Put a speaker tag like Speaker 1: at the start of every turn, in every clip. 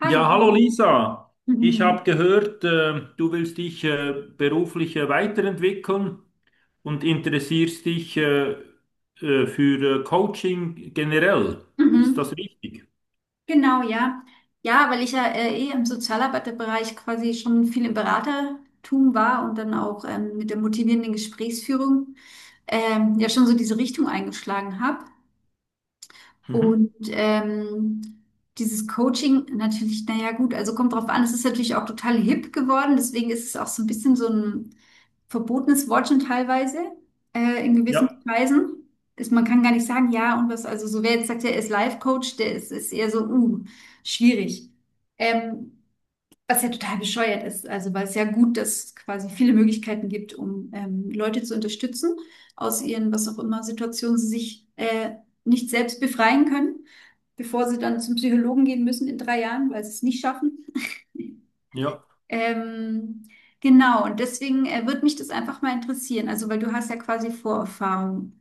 Speaker 1: Hallo.
Speaker 2: Ja, hallo Lisa. Ich habe
Speaker 1: Mhm.
Speaker 2: gehört, du willst dich beruflich weiterentwickeln und interessierst dich für Coaching generell. Ist das
Speaker 1: Mhm.
Speaker 2: richtig?
Speaker 1: Genau, ja. Ja, weil ich ja eh im Sozialarbeiterbereich quasi schon viel im Beratertum war und dann auch mit der motivierenden Gesprächsführung ja schon so diese Richtung eingeschlagen habe.
Speaker 2: Mhm.
Speaker 1: Und dieses Coaching natürlich, naja, gut, also kommt drauf an, es ist natürlich auch total hip geworden, deswegen ist es auch so ein bisschen so ein verbotenes Wort schon teilweise in gewissen
Speaker 2: Ja,
Speaker 1: Kreisen. Man kann gar nicht sagen, ja und was, also so wer jetzt sagt, er ist Life-Coach, der ist eher so, schwierig. Ähm, was ja total bescheuert ist, also weil es ja gut, dass es quasi viele Möglichkeiten gibt, um Leute zu unterstützen aus ihren, was auch immer, Situationen, sie sich nicht selbst befreien können, bevor sie dann zum Psychologen gehen müssen in 3 Jahren, weil sie es nicht schaffen.
Speaker 2: ja.
Speaker 1: Ähm, genau, und deswegen würde mich das einfach mal interessieren. Also, weil du hast ja quasi Vorerfahrung.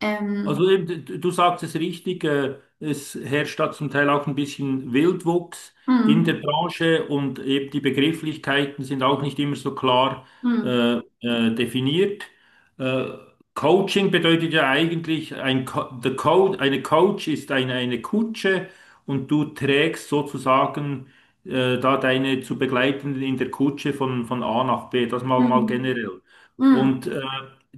Speaker 1: Ähm,
Speaker 2: Also eben, du sagst es richtig, es herrscht da zum Teil auch ein bisschen Wildwuchs in der
Speaker 1: mm,
Speaker 2: Branche, und eben die Begrifflichkeiten sind auch nicht immer so klar
Speaker 1: mm,
Speaker 2: definiert. Äh, Coaching bedeutet ja eigentlich, ein Co the Co eine Coach ist eine Kutsche, und du trägst sozusagen da deine zu Begleitenden in der Kutsche von A nach B, das mal
Speaker 1: mm,
Speaker 2: generell.
Speaker 1: mm,
Speaker 2: Und äh,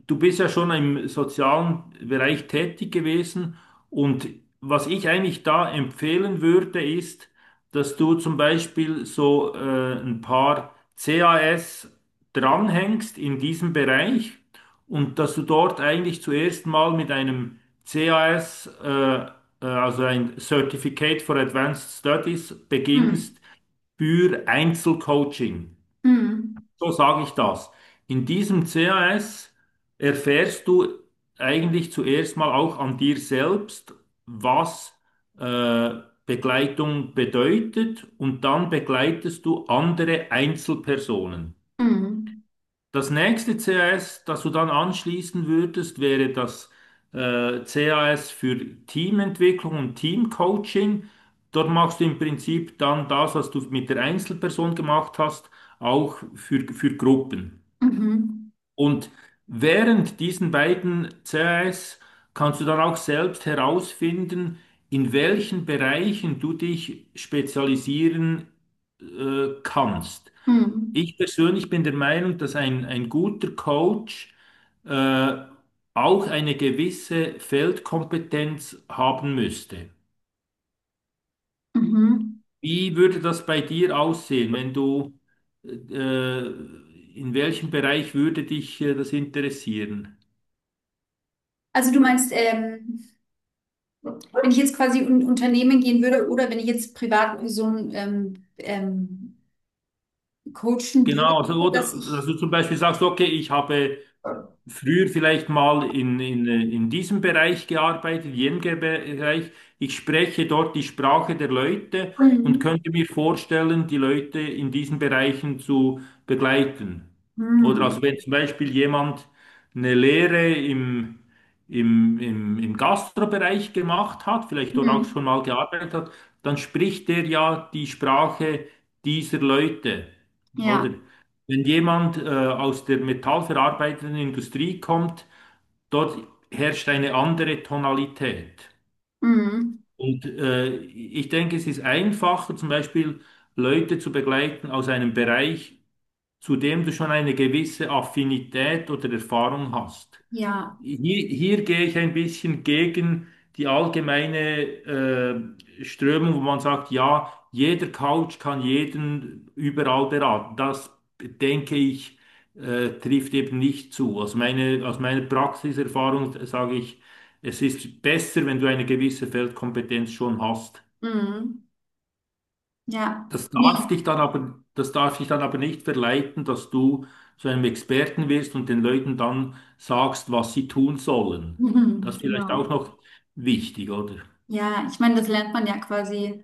Speaker 2: Du bist ja schon im sozialen Bereich tätig gewesen, und was ich eigentlich da empfehlen würde, ist, dass du zum Beispiel so ein paar CAS dranhängst in diesem Bereich, und dass du dort eigentlich zuerst mal mit einem CAS, also ein Certificate for Advanced Studies,
Speaker 1: mm,
Speaker 2: beginnst für Einzelcoaching.
Speaker 1: mm,
Speaker 2: So sage ich das. In diesem CAS erfährst du eigentlich zuerst mal auch an dir selbst, was äh, Begleitung bedeutet, und dann begleitest du andere Einzelpersonen.
Speaker 1: mm,
Speaker 2: Das nächste CAS, das du dann anschließen würdest, wäre das CAS für Teamentwicklung und Teamcoaching. Dort machst du im Prinzip dann das, was du mit der Einzelperson gemacht hast, auch für Gruppen.
Speaker 1: mhm,
Speaker 2: Und während diesen beiden CAs kannst du dann auch selbst herausfinden, in welchen Bereichen du dich spezialisieren kannst.
Speaker 1: mm,
Speaker 2: Ich persönlich bin der Meinung, dass ein guter Coach äh, auch eine gewisse Feldkompetenz haben müsste.
Speaker 1: mhm.
Speaker 2: Wie würde das bei dir aussehen, wenn du, äh, in welchem Bereich würde dich das interessieren?
Speaker 1: Also du meinst, wenn ich jetzt quasi in ein Unternehmen gehen würde oder wenn ich jetzt Privatpersonen coachen würde,
Speaker 2: Genau, also,
Speaker 1: dass
Speaker 2: oder
Speaker 1: ich.
Speaker 2: dass du zum Beispiel sagst, okay, ich habe früher vielleicht mal in diesem Bereich gearbeitet, jenem Bereich, ich spreche dort die Sprache der Leute und
Speaker 1: Mm,
Speaker 2: könnte mir vorstellen, die Leute in diesen Bereichen zu begleiten. Oder,
Speaker 1: mm,
Speaker 2: also wenn zum Beispiel jemand eine Lehre im Gastrobereich gemacht hat, vielleicht dort auch
Speaker 1: mm,
Speaker 2: schon mal gearbeitet hat, dann spricht der ja die Sprache dieser Leute. Oder
Speaker 1: ja,
Speaker 2: wenn jemand aus der metallverarbeitenden Industrie kommt, dort herrscht eine andere Tonalität.
Speaker 1: mm,
Speaker 2: Und ich denke, es ist einfacher, zum Beispiel Leute zu begleiten aus einem Bereich, zu dem du schon eine gewisse Affinität oder Erfahrung hast.
Speaker 1: ja.
Speaker 2: Hier gehe ich ein bisschen gegen die allgemeine Strömung, wo man sagt, ja, jeder Coach kann jeden überall beraten. Das denke ich, trifft eben nicht zu. Aus meiner Praxiserfahrung sage ich, es ist besser, wenn du eine gewisse Feldkompetenz schon hast.
Speaker 1: Mm. Ja,
Speaker 2: Das darf dich
Speaker 1: nee,
Speaker 2: dann aber, das darf dich dann aber nicht verleiten, dass du zu einem Experten wirst und den Leuten dann sagst, was sie tun sollen.
Speaker 1: mhm,
Speaker 2: Das ist vielleicht auch
Speaker 1: genau.
Speaker 2: noch wichtig, oder?
Speaker 1: Ja, ich meine, das lernt man ja quasi,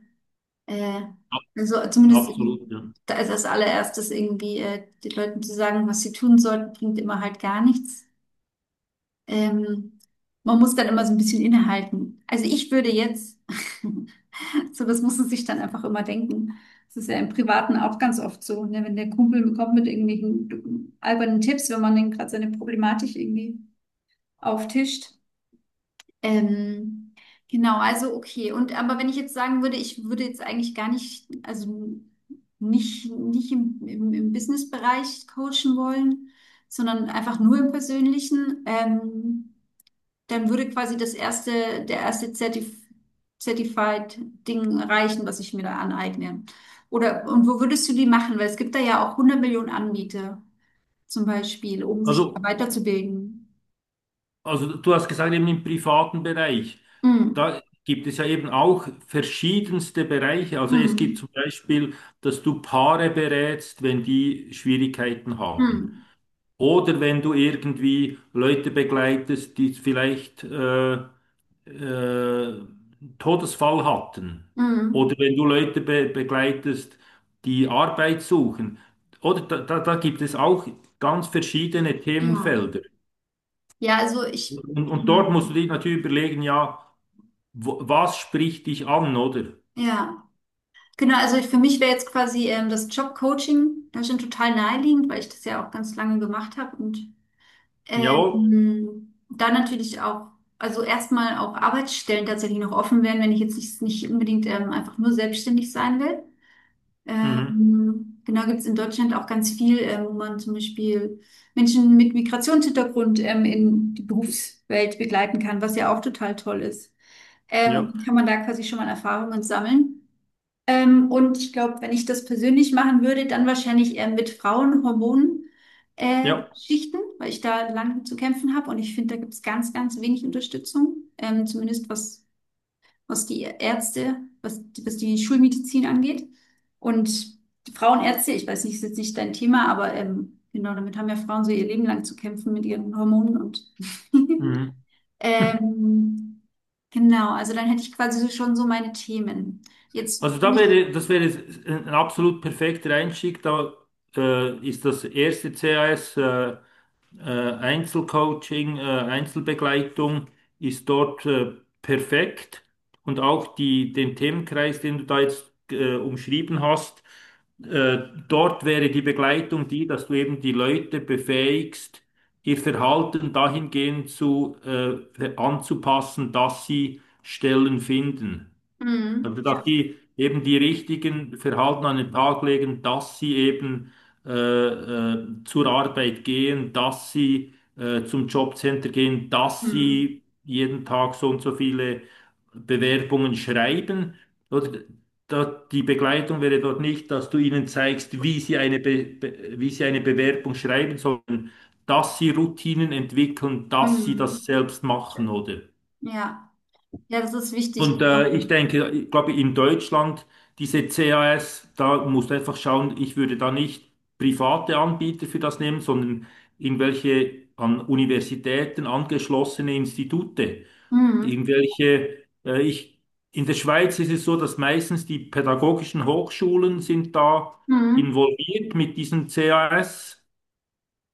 Speaker 1: äh,
Speaker 2: Ab-
Speaker 1: also zumindest
Speaker 2: Absolut, ja.
Speaker 1: da ist als allererstes irgendwie den Leuten zu sagen, was sie tun sollten, bringt immer halt gar nichts. Ähm, Man muss dann immer so ein bisschen innehalten. Also ich würde jetzt, so das muss man sich dann einfach immer denken. Das ist ja im Privaten auch ganz oft so, ne? Wenn der Kumpel kommt mit irgendwelchen albernen Tipps, wenn man dann gerade seine Problematik irgendwie auftischt. Ähm, genau, also okay. Und aber wenn ich jetzt sagen würde, ich würde jetzt eigentlich gar nicht, also nicht im, im Business-Bereich coachen wollen, sondern einfach nur im Persönlichen, dann würde quasi das erste, der erste Zertif Certified-Ding reichen, was ich mir da aneigne. Oder, und wo würdest du die machen? Weil es gibt da ja auch 100 Millionen Anbieter zum Beispiel, um sich da
Speaker 2: Also,
Speaker 1: weiterzubilden.
Speaker 2: also du hast gesagt, eben im privaten Bereich,
Speaker 1: Mm,
Speaker 2: da gibt es ja eben auch verschiedenste Bereiche. Also es gibt
Speaker 1: mm,
Speaker 2: zum Beispiel, dass du Paare berätst, wenn die Schwierigkeiten haben.
Speaker 1: mm,
Speaker 2: Oder wenn du irgendwie Leute begleitest, die vielleicht äh, Todesfall hatten,
Speaker 1: mm. Mm.
Speaker 2: oder wenn du Leute be begleitest, die Arbeit suchen, oder da gibt es auch ganz verschiedene
Speaker 1: Ja,
Speaker 2: Themenfelder.
Speaker 1: ja, also ich,
Speaker 2: Und dort musst du dich
Speaker 1: ähm,
Speaker 2: natürlich überlegen, ja, wo, was spricht dich an, oder?
Speaker 1: ja, genau, also ich, für mich wäre jetzt quasi das Jobcoaching, das ist schon total naheliegend, weil ich das ja auch ganz lange gemacht habe und
Speaker 2: Jawohl.
Speaker 1: da natürlich auch, also erstmal auch Arbeitsstellen tatsächlich noch offen wären, wenn ich jetzt nicht, nicht unbedingt einfach nur selbstständig sein will.
Speaker 2: Mhm.
Speaker 1: Genau, gibt es in Deutschland auch ganz viel, wo man zum Beispiel Menschen mit Migrationshintergrund in die Berufswelt begleiten kann, was ja auch total toll ist.
Speaker 2: Ja,
Speaker 1: Kann man da quasi schon mal Erfahrungen sammeln. Und ich glaube, wenn ich das persönlich machen würde, dann wahrscheinlich eher mit Frauenhormonen,
Speaker 2: ja.
Speaker 1: Schichten, weil ich da lang zu kämpfen habe. Und ich finde, da gibt es ganz, ganz wenig Unterstützung, zumindest was, was, die- Ärzte, was die Schulmedizin angeht. Und die Frauenärzte, ich weiß nicht, ist jetzt nicht dein Thema, aber genau, damit haben ja Frauen so ihr Leben lang zu kämpfen mit ihren Hormonen und
Speaker 2: Mhm.
Speaker 1: Ähm, genau, also dann hätte ich quasi so schon so meine Themen.
Speaker 2: Also
Speaker 1: Jetzt bin
Speaker 2: da
Speaker 1: ich.
Speaker 2: wäre, das wäre ein absolut perfekter Einstieg. Da ist das erste CAS Einzelcoaching, Einzelbegleitung ist dort perfekt. Und auch die, den Themenkreis, den du da jetzt umschrieben hast, äh, dort wäre die Begleitung die, dass du eben die Leute befähigst, ihr Verhalten dahingehend zu, anzupassen, dass sie Stellen finden.
Speaker 1: Mhm.
Speaker 2: Also, dass
Speaker 1: Ja.
Speaker 2: die eben die richtigen Verhalten an den Tag legen, dass sie eben zur Arbeit gehen, dass sie zum Jobcenter gehen, dass
Speaker 1: Mhm.
Speaker 2: sie jeden Tag so und so viele Bewerbungen schreiben. Oder da, die Begleitung wäre dort nicht, dass du ihnen zeigst, wie sie eine Bewerbung schreiben sollen, dass sie Routinen entwickeln, dass sie das
Speaker 1: Mhm.
Speaker 2: selbst machen, oder?
Speaker 1: Ja. Ja, das ist wichtig,
Speaker 2: Und
Speaker 1: genau.
Speaker 2: ich glaube, in Deutschland, diese CAS, da musst du einfach schauen, ich würde da nicht private Anbieter für das nehmen, sondern irgendwelche an Universitäten angeschlossene Institute.
Speaker 1: Mhm.
Speaker 2: Irgendwelche, in der Schweiz ist es so, dass meistens die pädagogischen Hochschulen sind da
Speaker 1: Mhm.
Speaker 2: involviert mit diesen CAS,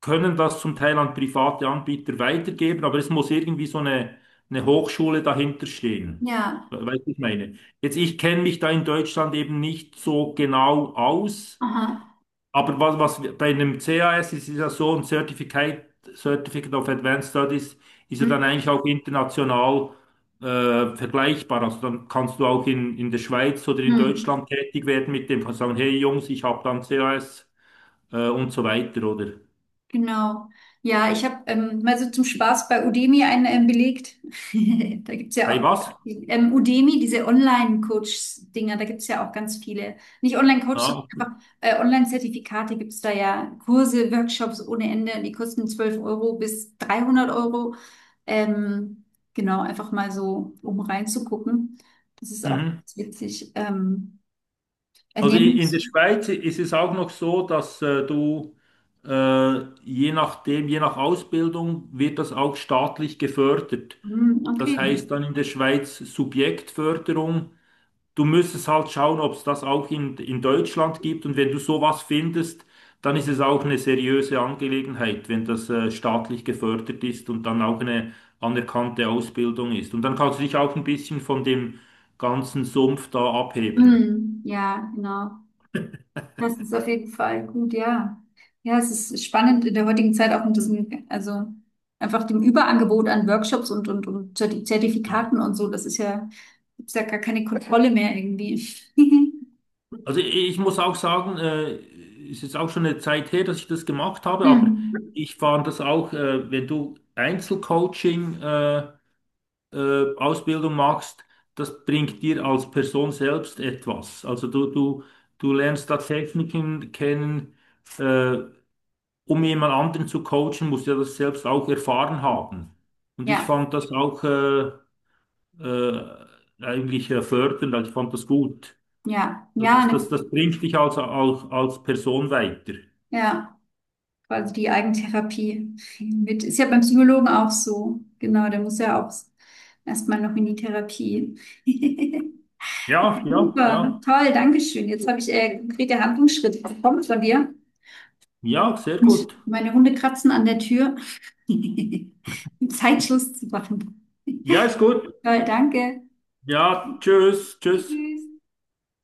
Speaker 2: können das zum Teil an private Anbieter weitergeben, aber es muss irgendwie so eine Hochschule dahinter stehen.
Speaker 1: Ja.
Speaker 2: Weißt du, was ich meine? Jetzt, ich kenne mich da in Deutschland eben nicht so genau aus,
Speaker 1: Aha.
Speaker 2: aber bei einem CAS ist, ist ja so ein Certificate, Certificate of Advanced Studies ist ja dann
Speaker 1: Mhm.
Speaker 2: eigentlich auch international vergleichbar. Also dann kannst du auch in der Schweiz oder in
Speaker 1: Mhm.
Speaker 2: Deutschland tätig werden mit dem, kannst sagen, hey Jungs, ich habe dann CAS und so weiter, oder?
Speaker 1: Genau. Ja, ich habe mal so zum Spaß bei Udemy einen belegt. Da gibt's
Speaker 2: Bei
Speaker 1: ja auch
Speaker 2: was?
Speaker 1: Udemy, diese Online-Coach-Dinger, da gibt's ja auch ganz viele. Nicht Online-Coach, sondern
Speaker 2: Ja.
Speaker 1: einfach Online-Zertifikate gibt's da ja. Kurse, Workshops ohne Ende, die kosten 12 € bis 300 Euro. Ähm, genau, einfach mal so, um reinzugucken. Das ist auch
Speaker 2: Mhm.
Speaker 1: ganz witzig.
Speaker 2: Also in der
Speaker 1: Ernährungs-.
Speaker 2: Schweiz ist es auch noch so, dass du je nachdem, je nach Ausbildung wird das auch staatlich gefördert.
Speaker 1: Hm,
Speaker 2: Das
Speaker 1: okay.
Speaker 2: heißt dann in der Schweiz Subjektförderung. Du müsstest halt schauen, ob es das auch in Deutschland gibt. Und wenn du sowas findest, dann ist es auch eine seriöse Angelegenheit, wenn das staatlich gefördert ist und dann auch eine anerkannte Ausbildung ist. Und dann kannst du dich auch ein bisschen von dem ganzen Sumpf da abheben.
Speaker 1: Hm, ja, genau. Das ist auf jeden Fall gut, ja. Ja, es ist spannend in der heutigen Zeit auch mit diesem, also einfach dem Überangebot an Workshops und Zerti- Zertifikaten und so. Das ist ja, gibt's ja gar keine Kontrolle mehr irgendwie.
Speaker 2: Also ich muss auch sagen, ist jetzt auch schon eine Zeit her, dass ich das gemacht habe, aber
Speaker 1: Mhm.
Speaker 2: ich fand das auch, wenn du Einzelcoaching, Ausbildung machst, das bringt dir als Person selbst etwas. Also du lernst da Techniken kennen, äh, um jemand anderen zu coachen, musst du ja das selbst auch erfahren haben. Und ich
Speaker 1: Ja,
Speaker 2: fand das auch äh, eigentlich fördernd, also ich fand das gut.
Speaker 1: ja,
Speaker 2: So,
Speaker 1: ja,
Speaker 2: Das,
Speaker 1: ne,
Speaker 2: das, das bringt dich also auch als Person weiter.
Speaker 1: ja, quasi die Eigentherapie mit, ist ja beim Psychologen auch so. Genau, der muss ja auch erstmal noch in die Therapie.
Speaker 2: Ja, ja,
Speaker 1: Super,
Speaker 2: ja.
Speaker 1: toll, Dankeschön. Jetzt habe ich konkrete Handlungsschritte bekommen von dir.
Speaker 2: Ja, sehr
Speaker 1: Und
Speaker 2: gut.
Speaker 1: meine Hunde kratzen an der Tür. um Zeitschluss zu machen.
Speaker 2: Ja, ist gut.
Speaker 1: Toll, danke.
Speaker 2: Ja, tschüss, tschüss.
Speaker 1: Tschüss.